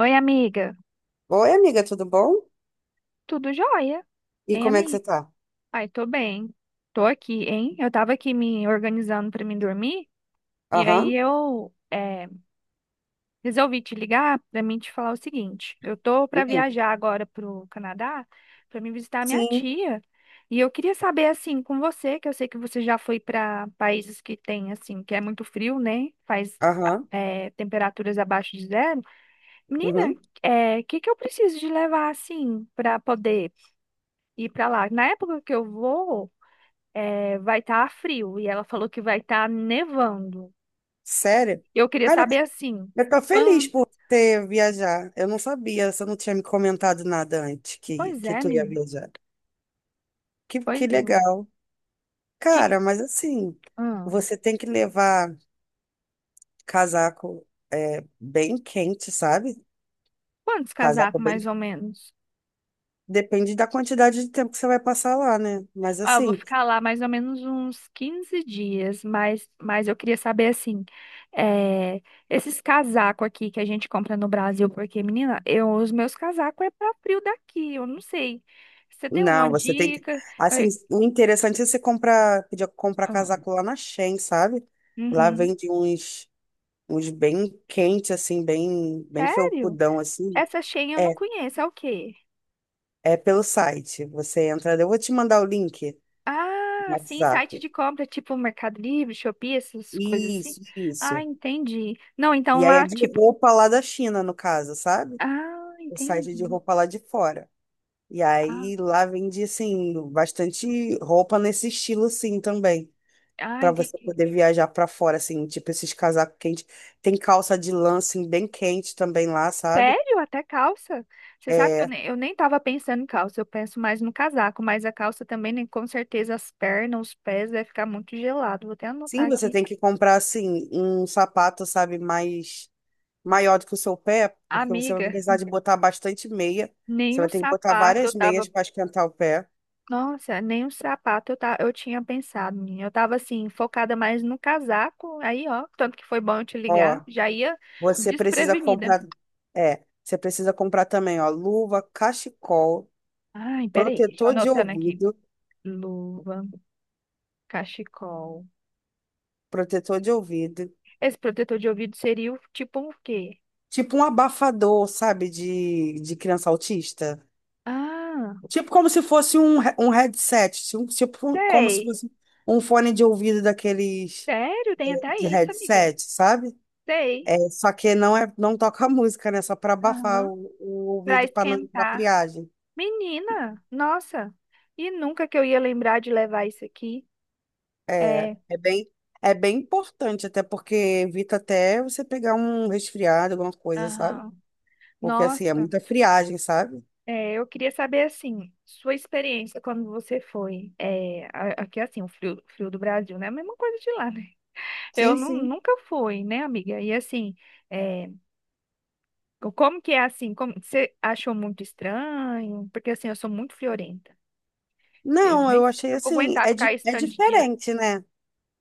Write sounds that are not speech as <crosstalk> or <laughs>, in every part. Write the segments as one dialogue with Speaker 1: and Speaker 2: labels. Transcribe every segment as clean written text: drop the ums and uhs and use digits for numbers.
Speaker 1: Oi, amiga.
Speaker 2: Oi, amiga, tudo bom?
Speaker 1: Tudo jóia?
Speaker 2: E
Speaker 1: Hein,
Speaker 2: como é que você
Speaker 1: amiga?
Speaker 2: tá?
Speaker 1: Ai, tô bem. Tô aqui, hein? Eu tava aqui me organizando pra mim dormir e aí
Speaker 2: Aham.
Speaker 1: eu resolvi te ligar pra mim te falar o seguinte. Eu tô pra
Speaker 2: Hum.
Speaker 1: viajar agora pro Canadá pra me visitar minha
Speaker 2: Sim.
Speaker 1: tia e eu queria saber assim com você, que eu sei que você já foi pra países que tem assim, que é muito frio, né? Faz
Speaker 2: Aham.
Speaker 1: temperaturas abaixo de zero. Menina,
Speaker 2: Uhum.
Speaker 1: é o que que eu preciso de levar assim pra poder ir pra lá. Na época que eu vou, vai estar frio e ela falou que vai estar nevando.
Speaker 2: Sério?
Speaker 1: Eu queria
Speaker 2: Cara, eu tô
Speaker 1: saber assim,
Speaker 2: feliz
Speaker 1: quantas?
Speaker 2: por ter viajar. Eu não sabia, você não tinha me comentado nada antes que,
Speaker 1: Pois
Speaker 2: que
Speaker 1: é,
Speaker 2: tu ia
Speaker 1: menino.
Speaker 2: viajar. Que
Speaker 1: Pois é.
Speaker 2: legal.
Speaker 1: Que...
Speaker 2: Cara, mas assim,
Speaker 1: Ah,
Speaker 2: você tem que levar casaco é, bem quente, sabe?
Speaker 1: quantos
Speaker 2: Casaco
Speaker 1: casacos
Speaker 2: bem.
Speaker 1: mais ou menos?
Speaker 2: Depende da quantidade de tempo que você vai passar lá, né? Mas
Speaker 1: Ah, eu vou
Speaker 2: assim,
Speaker 1: ficar lá mais ou menos uns 15 dias, mas eu queria saber assim, é, esses casacos aqui que a gente compra no Brasil, porque, menina, os meus casacos é para frio daqui, eu não sei. Você tem alguma
Speaker 2: não, você tem que.
Speaker 1: dica?
Speaker 2: Assim,
Speaker 1: Eu-
Speaker 2: o interessante é você comprar, pedir comprar
Speaker 1: ah,
Speaker 2: casaco lá na Shein, sabe? Lá
Speaker 1: uhum.
Speaker 2: vende uns bem quentes, assim, bem, bem
Speaker 1: Sério?
Speaker 2: felpudão, assim.
Speaker 1: Essa Shein eu não
Speaker 2: É,
Speaker 1: conheço, é o quê?
Speaker 2: é pelo site. Você entra, eu vou te mandar o link no
Speaker 1: Ah, sim, site de
Speaker 2: WhatsApp.
Speaker 1: compra, tipo Mercado Livre, Shopee, essas coisas assim.
Speaker 2: Isso,
Speaker 1: Ah,
Speaker 2: isso.
Speaker 1: entendi. Não, então
Speaker 2: E aí é
Speaker 1: lá,
Speaker 2: de
Speaker 1: tipo.
Speaker 2: roupa lá da China, no caso, sabe?
Speaker 1: Ah,
Speaker 2: O site é de
Speaker 1: entendi.
Speaker 2: roupa lá de fora. E
Speaker 1: Ah,
Speaker 2: aí lá vende, assim, bastante roupa nesse estilo, sim, também.
Speaker 1: ah,
Speaker 2: Pra você
Speaker 1: entendi.
Speaker 2: poder viajar pra fora, assim, tipo esses casacos quentes. Tem calça de lã, assim, bem quente também lá, sabe?
Speaker 1: Sério? Até calça? Você sabe que
Speaker 2: É,
Speaker 1: eu nem tava pensando em calça, eu penso mais no casaco, mas a calça também, né, com certeza, as pernas, os pés, vai ficar muito gelado. Vou até
Speaker 2: sim,
Speaker 1: anotar
Speaker 2: você
Speaker 1: aqui.
Speaker 2: tem que comprar, assim, um sapato, sabe, mais maior do que o seu pé, porque você vai
Speaker 1: Amiga,
Speaker 2: precisar de botar bastante meia. Você
Speaker 1: nem o
Speaker 2: vai ter que botar
Speaker 1: sapato eu
Speaker 2: várias
Speaker 1: tava
Speaker 2: meias para esquentar o pé.
Speaker 1: Nossa, nem um sapato eu tinha pensado, menina. Eu tava assim, focada mais no casaco, aí ó, tanto que foi bom eu te
Speaker 2: Ó,
Speaker 1: ligar, já ia
Speaker 2: você precisa
Speaker 1: desprevenida.
Speaker 2: comprar, você precisa comprar também, ó, luva, cachecol,
Speaker 1: Ai, peraí, deixa eu
Speaker 2: protetor de
Speaker 1: anotando aqui.
Speaker 2: ouvido,
Speaker 1: Luva, cachecol.
Speaker 2: protetor de ouvido,
Speaker 1: Esse protetor de ouvido seria o tipo um quê?
Speaker 2: tipo um abafador, sabe, de criança autista.
Speaker 1: Ah,
Speaker 2: Tipo como se fosse um headset, tipo como se
Speaker 1: sei.
Speaker 2: fosse um fone de ouvido daqueles
Speaker 1: Sério, tem até
Speaker 2: de
Speaker 1: isso, amiga.
Speaker 2: headset, sabe?
Speaker 1: Sei.
Speaker 2: É, só que não é, não toca <laughs> música, né? Só para abafar
Speaker 1: Aham.
Speaker 2: o
Speaker 1: Pra
Speaker 2: ouvido para não dar
Speaker 1: esquentar.
Speaker 2: friagem.
Speaker 1: Menina, nossa. E nunca que eu ia lembrar de levar isso aqui.
Speaker 2: É,
Speaker 1: É.
Speaker 2: é bem, é bem importante, até porque evita até você pegar um resfriado, alguma coisa, sabe?
Speaker 1: Aham.
Speaker 2: Porque assim, é
Speaker 1: Nossa.
Speaker 2: muita friagem, sabe?
Speaker 1: É, eu queria saber, assim, sua experiência quando você foi. É, aqui, assim, o frio, frio do Brasil, né? A mesma coisa de lá, né? Eu
Speaker 2: Sim, sim.
Speaker 1: nunca fui, né, amiga? E, assim, é, como que é, assim? Como, você achou muito estranho? Porque, assim, eu sou muito friorenta. Eu
Speaker 2: Não,
Speaker 1: nem
Speaker 2: eu
Speaker 1: sei se
Speaker 2: achei
Speaker 1: eu vou
Speaker 2: assim,
Speaker 1: aguentar
Speaker 2: é, di
Speaker 1: ficar esse
Speaker 2: é
Speaker 1: tanto de dias.
Speaker 2: diferente, né?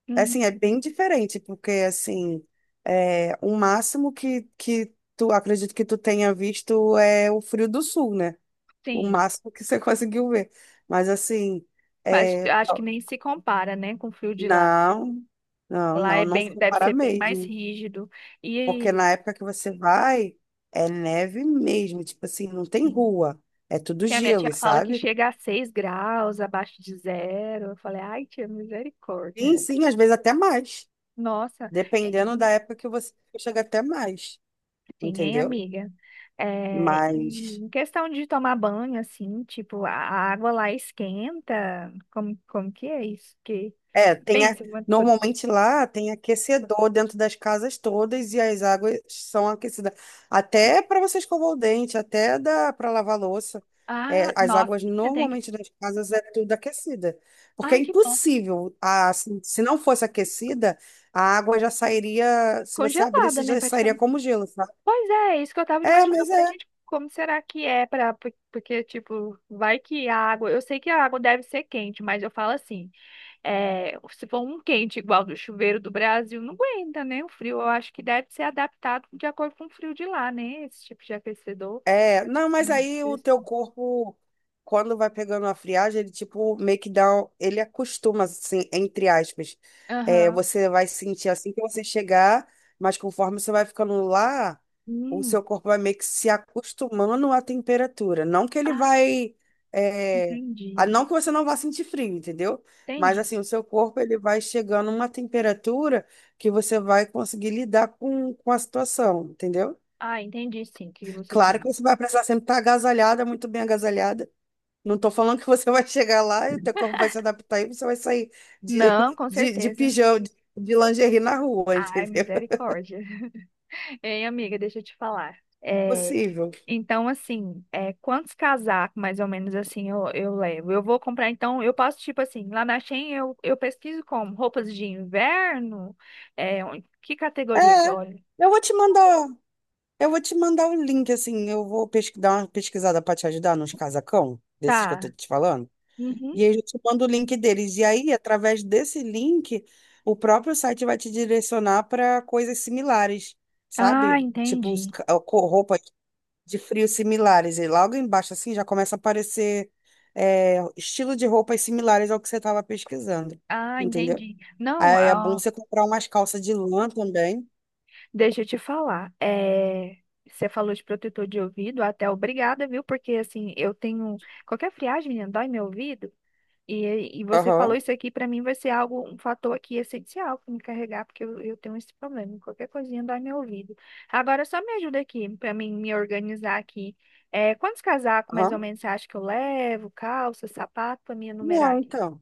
Speaker 1: Uhum,
Speaker 2: Assim, é bem diferente, porque, assim, é, o máximo que tu, acredito que tu tenha visto é o Frio do Sul, né? O
Speaker 1: sim,
Speaker 2: máximo que você <laughs> conseguiu ver. Mas, assim,
Speaker 1: mas
Speaker 2: é,
Speaker 1: acho que nem se compara, né, com o frio de lá.
Speaker 2: não, não,
Speaker 1: Lá
Speaker 2: não,
Speaker 1: é
Speaker 2: não se
Speaker 1: bem, deve
Speaker 2: compara
Speaker 1: ser bem mais
Speaker 2: mesmo.
Speaker 1: rígido.
Speaker 2: Porque
Speaker 1: E.
Speaker 2: na época que você vai, é neve mesmo, tipo assim, não tem rua, é tudo
Speaker 1: E a minha tia
Speaker 2: gelo,
Speaker 1: fala que
Speaker 2: sabe?
Speaker 1: chega a 6 graus abaixo de zero. Eu falei, ai, tia,
Speaker 2: Sim,
Speaker 1: misericórdia. <laughs>
Speaker 2: sim, às vezes até mais.
Speaker 1: Nossa, é,
Speaker 2: Dependendo da
Speaker 1: sim,
Speaker 2: época que você chega até mais,
Speaker 1: hein,
Speaker 2: entendeu?
Speaker 1: amiga? É,
Speaker 2: Mas...
Speaker 1: e em questão de tomar banho, assim, tipo, a água lá esquenta. Como que é isso? Que
Speaker 2: é,
Speaker 1: pensa,
Speaker 2: normalmente lá tem aquecedor dentro das casas todas e as águas são aquecidas. Até para você escovar o dente, até dá para lavar louça.
Speaker 1: ah,
Speaker 2: É, as
Speaker 1: nossa,
Speaker 2: águas
Speaker 1: menina, tem.
Speaker 2: normalmente das casas é tudo aquecida. Porque é
Speaker 1: Ai, que bom.
Speaker 2: impossível, se não fosse aquecida, a água já sairia, se você
Speaker 1: Congelada,
Speaker 2: abrisse,
Speaker 1: né,
Speaker 2: já sairia
Speaker 1: praticamente.
Speaker 2: como gelo, sabe?
Speaker 1: Pois é, é isso que eu tava
Speaker 2: É,
Speaker 1: imaginando. Eu
Speaker 2: mas
Speaker 1: falei,
Speaker 2: é.
Speaker 1: gente, como será que é porque, tipo, vai que a água. Eu sei que a água deve ser quente, mas eu falo assim. É, se for um quente igual do chuveiro do Brasil, não aguenta, né? O frio, eu acho que deve ser adaptado de acordo com o frio de lá, né? Esse tipo de aquecedor.
Speaker 2: É, não, mas
Speaker 1: Entendi.
Speaker 2: aí o teu corpo, quando vai pegando a friagem, ele tipo meio que dá, ele acostuma, assim, entre aspas. É,
Speaker 1: Aham.
Speaker 2: você vai sentir assim que você chegar, mas conforme você vai ficando lá, o seu
Speaker 1: Hum.
Speaker 2: corpo vai meio que se acostumando à temperatura. Não que ele
Speaker 1: Ah,
Speaker 2: vai, é, ah,
Speaker 1: entendi.
Speaker 2: não que você não vá sentir frio, entendeu? Mas
Speaker 1: Entendi.
Speaker 2: assim, o seu corpo ele vai chegando a uma temperatura que você vai conseguir lidar com a situação, entendeu?
Speaker 1: Ah, entendi sim o que você
Speaker 2: Claro que
Speaker 1: queria.
Speaker 2: você vai precisar sempre estar agasalhada, muito bem agasalhada. Não estou falando que você <laughs> vai chegar lá e o teu corpo vai se adaptar e você vai sair de,
Speaker 1: Não, com
Speaker 2: de
Speaker 1: certeza.
Speaker 2: pijama, de lingerie na rua, <laughs>
Speaker 1: Ai,
Speaker 2: entendeu?
Speaker 1: misericórdia. Ei, amiga, deixa eu te falar. É,
Speaker 2: Impossível.
Speaker 1: então, assim, quantos casacos, mais ou menos assim, eu levo? Eu vou comprar, então, eu posso, tipo assim, lá na Shein eu pesquiso como roupas de inverno, que categoria que
Speaker 2: É,
Speaker 1: eu olho?
Speaker 2: eu vou te mandar, eu vou te mandar um link, assim, eu vou dar uma pesquisada para te ajudar nos casacão, desses que eu
Speaker 1: Tá.
Speaker 2: tô te falando. E
Speaker 1: Uhum.
Speaker 2: aí eu te mando o link deles. E aí, através desse link, o próprio site vai te direcionar para coisas similares,
Speaker 1: Ah,
Speaker 2: sabe? Tipo,
Speaker 1: entendi.
Speaker 2: roupa de frios similares. E logo embaixo, assim, já começa a aparecer é, estilo de roupas similares ao que você estava pesquisando,
Speaker 1: Ah,
Speaker 2: entendeu?
Speaker 1: entendi. Não,
Speaker 2: Aí é bom você comprar umas calças de lã também.
Speaker 1: deixa eu te falar. É, você falou de protetor de ouvido, até obrigada, viu? Porque, assim, eu tenho. Qualquer friagem, menina, dói meu ouvido. E você falou
Speaker 2: Aham,
Speaker 1: isso aqui, para mim vai ser algo, um fator aqui essencial para me carregar, porque eu tenho esse problema. Qualquer coisinha dói meu ouvido. Agora só me ajuda aqui, para mim me organizar aqui. É, quantos casacos mais ou
Speaker 2: aham.
Speaker 1: menos você acha que eu levo? Calça, sapato, para me enumerar
Speaker 2: Não,
Speaker 1: aqui.
Speaker 2: então,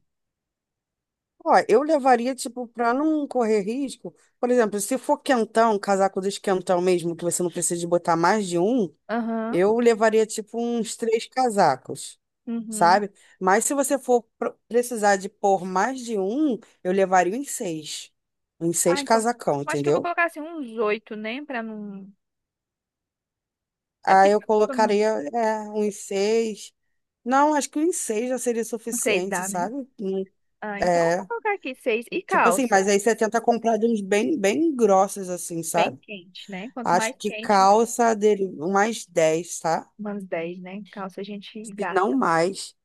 Speaker 2: ó, eu levaria, tipo, para não correr risco. Por exemplo, se for quentão, casaco dos quentão mesmo, que você não precisa de botar mais de um,
Speaker 1: Aham,
Speaker 2: eu levaria, tipo, uns três casacos,
Speaker 1: uhum.
Speaker 2: sabe? Mas se você for precisar de pôr mais de um, eu levaria uns seis. Uns seis
Speaker 1: Ah, então,
Speaker 2: casacão,
Speaker 1: eu acho que eu vou
Speaker 2: entendeu?
Speaker 1: colocar assim uns oito, né? Para não.
Speaker 2: Aí eu
Speaker 1: Fica
Speaker 2: colocaria, é, uns seis. Não, acho que uns seis já seria
Speaker 1: uns seis
Speaker 2: suficiente,
Speaker 1: dá, né?
Speaker 2: sabe?
Speaker 1: Ah, então eu vou
Speaker 2: É,
Speaker 1: colocar aqui seis. E
Speaker 2: tipo assim, mas
Speaker 1: calça,
Speaker 2: aí você tenta comprar de uns bem, bem grossos, assim,
Speaker 1: bem
Speaker 2: sabe?
Speaker 1: quente, né? Quanto
Speaker 2: Acho
Speaker 1: mais
Speaker 2: que
Speaker 1: quente,
Speaker 2: calça dele, umas 10, tá?
Speaker 1: umas 10, né? Calça a gente
Speaker 2: Se não
Speaker 1: gasta.
Speaker 2: mais.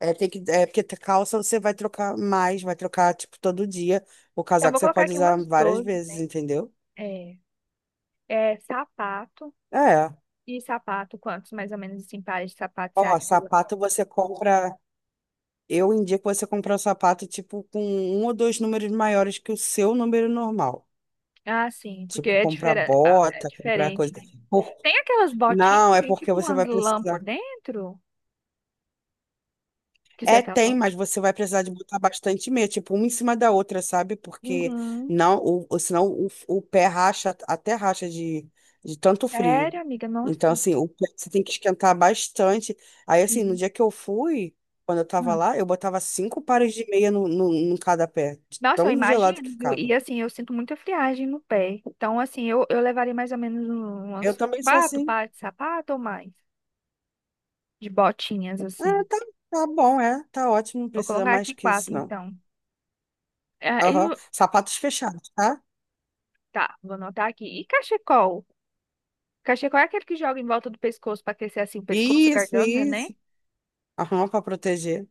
Speaker 2: É, tem que, é porque calça você vai trocar mais, vai trocar, tipo, todo dia. O
Speaker 1: Eu
Speaker 2: casaco
Speaker 1: vou
Speaker 2: você
Speaker 1: colocar
Speaker 2: pode
Speaker 1: aqui
Speaker 2: usar
Speaker 1: umas
Speaker 2: várias
Speaker 1: 12,
Speaker 2: vezes,
Speaker 1: né,
Speaker 2: entendeu?
Speaker 1: É, é sapato.
Speaker 2: É.
Speaker 1: E sapato, quantos mais ou menos assim, pares de sapato você
Speaker 2: Ó,
Speaker 1: acha?
Speaker 2: sapato você compra. Eu indico você comprar o sapato, tipo, com um ou dois números maiores que o seu número normal.
Speaker 1: Ah, sim, porque
Speaker 2: Tipo, comprar
Speaker 1: ah, é
Speaker 2: bota, comprar
Speaker 1: diferente,
Speaker 2: coisa.
Speaker 1: né?
Speaker 2: Por-
Speaker 1: Tem aquelas botinhas
Speaker 2: Não,
Speaker 1: que
Speaker 2: é
Speaker 1: tem
Speaker 2: porque
Speaker 1: tipo
Speaker 2: você
Speaker 1: umas
Speaker 2: vai
Speaker 1: lã
Speaker 2: precisar.
Speaker 1: por dentro que você
Speaker 2: É,
Speaker 1: tá
Speaker 2: tem,
Speaker 1: falando?
Speaker 2: mas você vai precisar de botar bastante meia, tipo, uma em cima da outra, sabe? Porque
Speaker 1: Uhum.
Speaker 2: não, senão o pé racha, até racha de tanto frio.
Speaker 1: Sério, amiga?
Speaker 2: Então,
Speaker 1: Nossa.
Speaker 2: assim, o pé você tem que esquentar bastante. Aí, assim, no dia
Speaker 1: Sim.
Speaker 2: que eu fui, quando eu tava
Speaker 1: Ah.
Speaker 2: lá, eu botava cinco pares de meia no, no, em cada pé, de
Speaker 1: Nossa, eu
Speaker 2: tão gelado que
Speaker 1: imagino, viu? E
Speaker 2: ficava.
Speaker 1: assim, eu sinto muita friagem no pé. Então, assim, eu levaria mais ou menos
Speaker 2: Eu
Speaker 1: umas
Speaker 2: também sou
Speaker 1: quatro
Speaker 2: assim.
Speaker 1: pares de sapato ou mais. De botinhas,
Speaker 2: É,
Speaker 1: assim.
Speaker 2: tá, tá bom, é, tá ótimo, não
Speaker 1: Vou
Speaker 2: precisa
Speaker 1: colocar
Speaker 2: mais
Speaker 1: aqui
Speaker 2: que isso,
Speaker 1: quatro,
Speaker 2: não.
Speaker 1: então. Ah,
Speaker 2: Aham. Sapatos fechados, tá?
Speaker 1: tá, vou anotar aqui. E cachecol? Cachecol é aquele que joga em volta do pescoço para aquecer assim o pescoço, a
Speaker 2: Isso,
Speaker 1: garganta, né?
Speaker 2: isso. Aham, pra proteger.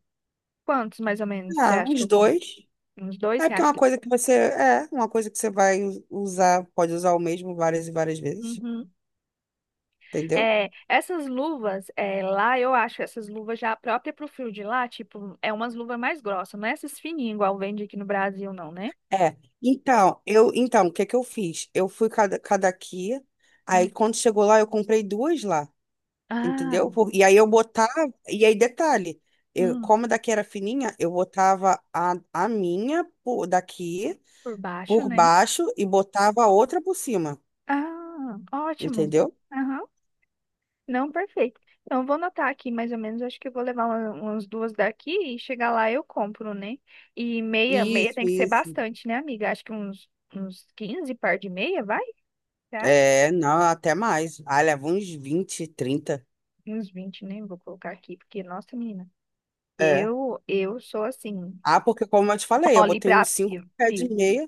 Speaker 1: Quantos, mais ou menos, você
Speaker 2: Ah,
Speaker 1: acha que
Speaker 2: os
Speaker 1: eu compro?
Speaker 2: dois.
Speaker 1: Uns dois,
Speaker 2: É
Speaker 1: você
Speaker 2: porque é
Speaker 1: acha
Speaker 2: uma
Speaker 1: que...
Speaker 2: coisa que você. É, uma coisa que você vai usar, pode usar o mesmo várias e várias vezes,
Speaker 1: Uhum.
Speaker 2: entendeu?
Speaker 1: É, essas luvas, lá eu acho essas luvas já própria pro frio de lá, tipo, é umas luvas mais grossas, não é essas fininhas igual vende aqui no Brasil, não, né?
Speaker 2: É. Então, eu, então, o que que eu fiz? Eu fui cada aqui, aí
Speaker 1: Hum.
Speaker 2: quando chegou lá, eu comprei duas lá,
Speaker 1: Ah,
Speaker 2: entendeu? E aí eu botava, e aí detalhe, eu,
Speaker 1: hum,
Speaker 2: como a daqui era fininha, eu botava a minha por, daqui
Speaker 1: por baixo,
Speaker 2: por
Speaker 1: né?
Speaker 2: baixo e botava a outra por cima,
Speaker 1: Ah, ótimo.
Speaker 2: entendeu?
Speaker 1: Não, perfeito. Então, eu vou anotar aqui mais ou menos. Acho que eu vou levar umas duas daqui e chegar lá eu compro, né? E meia, meia
Speaker 2: Isso,
Speaker 1: tem que ser
Speaker 2: isso.
Speaker 1: bastante, né, amiga? Acho que uns 15 par de meia, vai? Você acha?
Speaker 2: É, não, até mais. Ah, leva uns 20, 30.
Speaker 1: Uns 20, né? Vou colocar aqui, porque, nossa, menina,
Speaker 2: É.
Speaker 1: eu sou assim,
Speaker 2: Ah, porque como eu te falei, eu
Speaker 1: mole
Speaker 2: botei
Speaker 1: pra
Speaker 2: uns 5
Speaker 1: frio,
Speaker 2: pés
Speaker 1: frio.
Speaker 2: de meia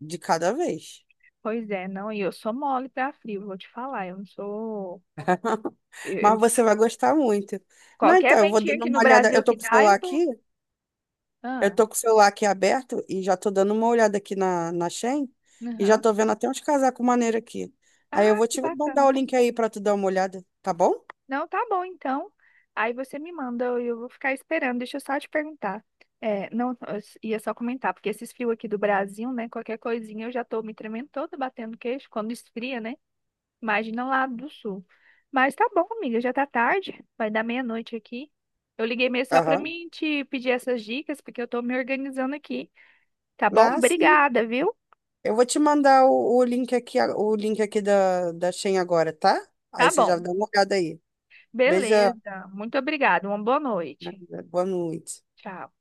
Speaker 2: de cada vez.
Speaker 1: Pois é, não, e eu sou mole pra frio, vou te falar. Eu não sou. eu- eu-
Speaker 2: Mas você vai gostar muito. Não,
Speaker 1: Qualquer
Speaker 2: então, eu vou
Speaker 1: ventinho
Speaker 2: dando
Speaker 1: aqui no
Speaker 2: uma olhada.
Speaker 1: Brasil
Speaker 2: Eu tô
Speaker 1: que
Speaker 2: com o
Speaker 1: dá,
Speaker 2: celular
Speaker 1: eu tô.
Speaker 2: aqui, eu
Speaker 1: Ah,
Speaker 2: tô com o celular aqui aberto e já tô dando uma olhada aqui na Shein e já
Speaker 1: aham.
Speaker 2: tô vendo até uns casacos maneiros aqui. Aí eu
Speaker 1: Ah,
Speaker 2: vou
Speaker 1: que
Speaker 2: te mandar
Speaker 1: bacana.
Speaker 2: o link aí pra tu dar uma olhada, tá bom?
Speaker 1: Não, tá bom, então. Aí você me manda e eu vou ficar esperando. Deixa eu só te perguntar. É, não, eu ia só comentar, porque esses fios aqui do Brasil, né? Qualquer coisinha eu já tô me tremendo toda, batendo queixo quando esfria, né? Imagina lá do sul. Mas tá bom, amiga, já tá tarde, vai dar meia-noite aqui. Eu liguei mesmo só pra
Speaker 2: Aham.
Speaker 1: mim te pedir essas dicas, porque eu tô me organizando aqui. Tá bom?
Speaker 2: Ah, sim.
Speaker 1: Obrigada, viu?
Speaker 2: Eu vou te mandar o link aqui, da Shein agora, tá? Aí
Speaker 1: Tá
Speaker 2: você já
Speaker 1: bom.
Speaker 2: dá uma olhada aí. Beijão.
Speaker 1: Beleza. Muito obrigada. Uma boa noite.
Speaker 2: Boa noite.
Speaker 1: Tchau.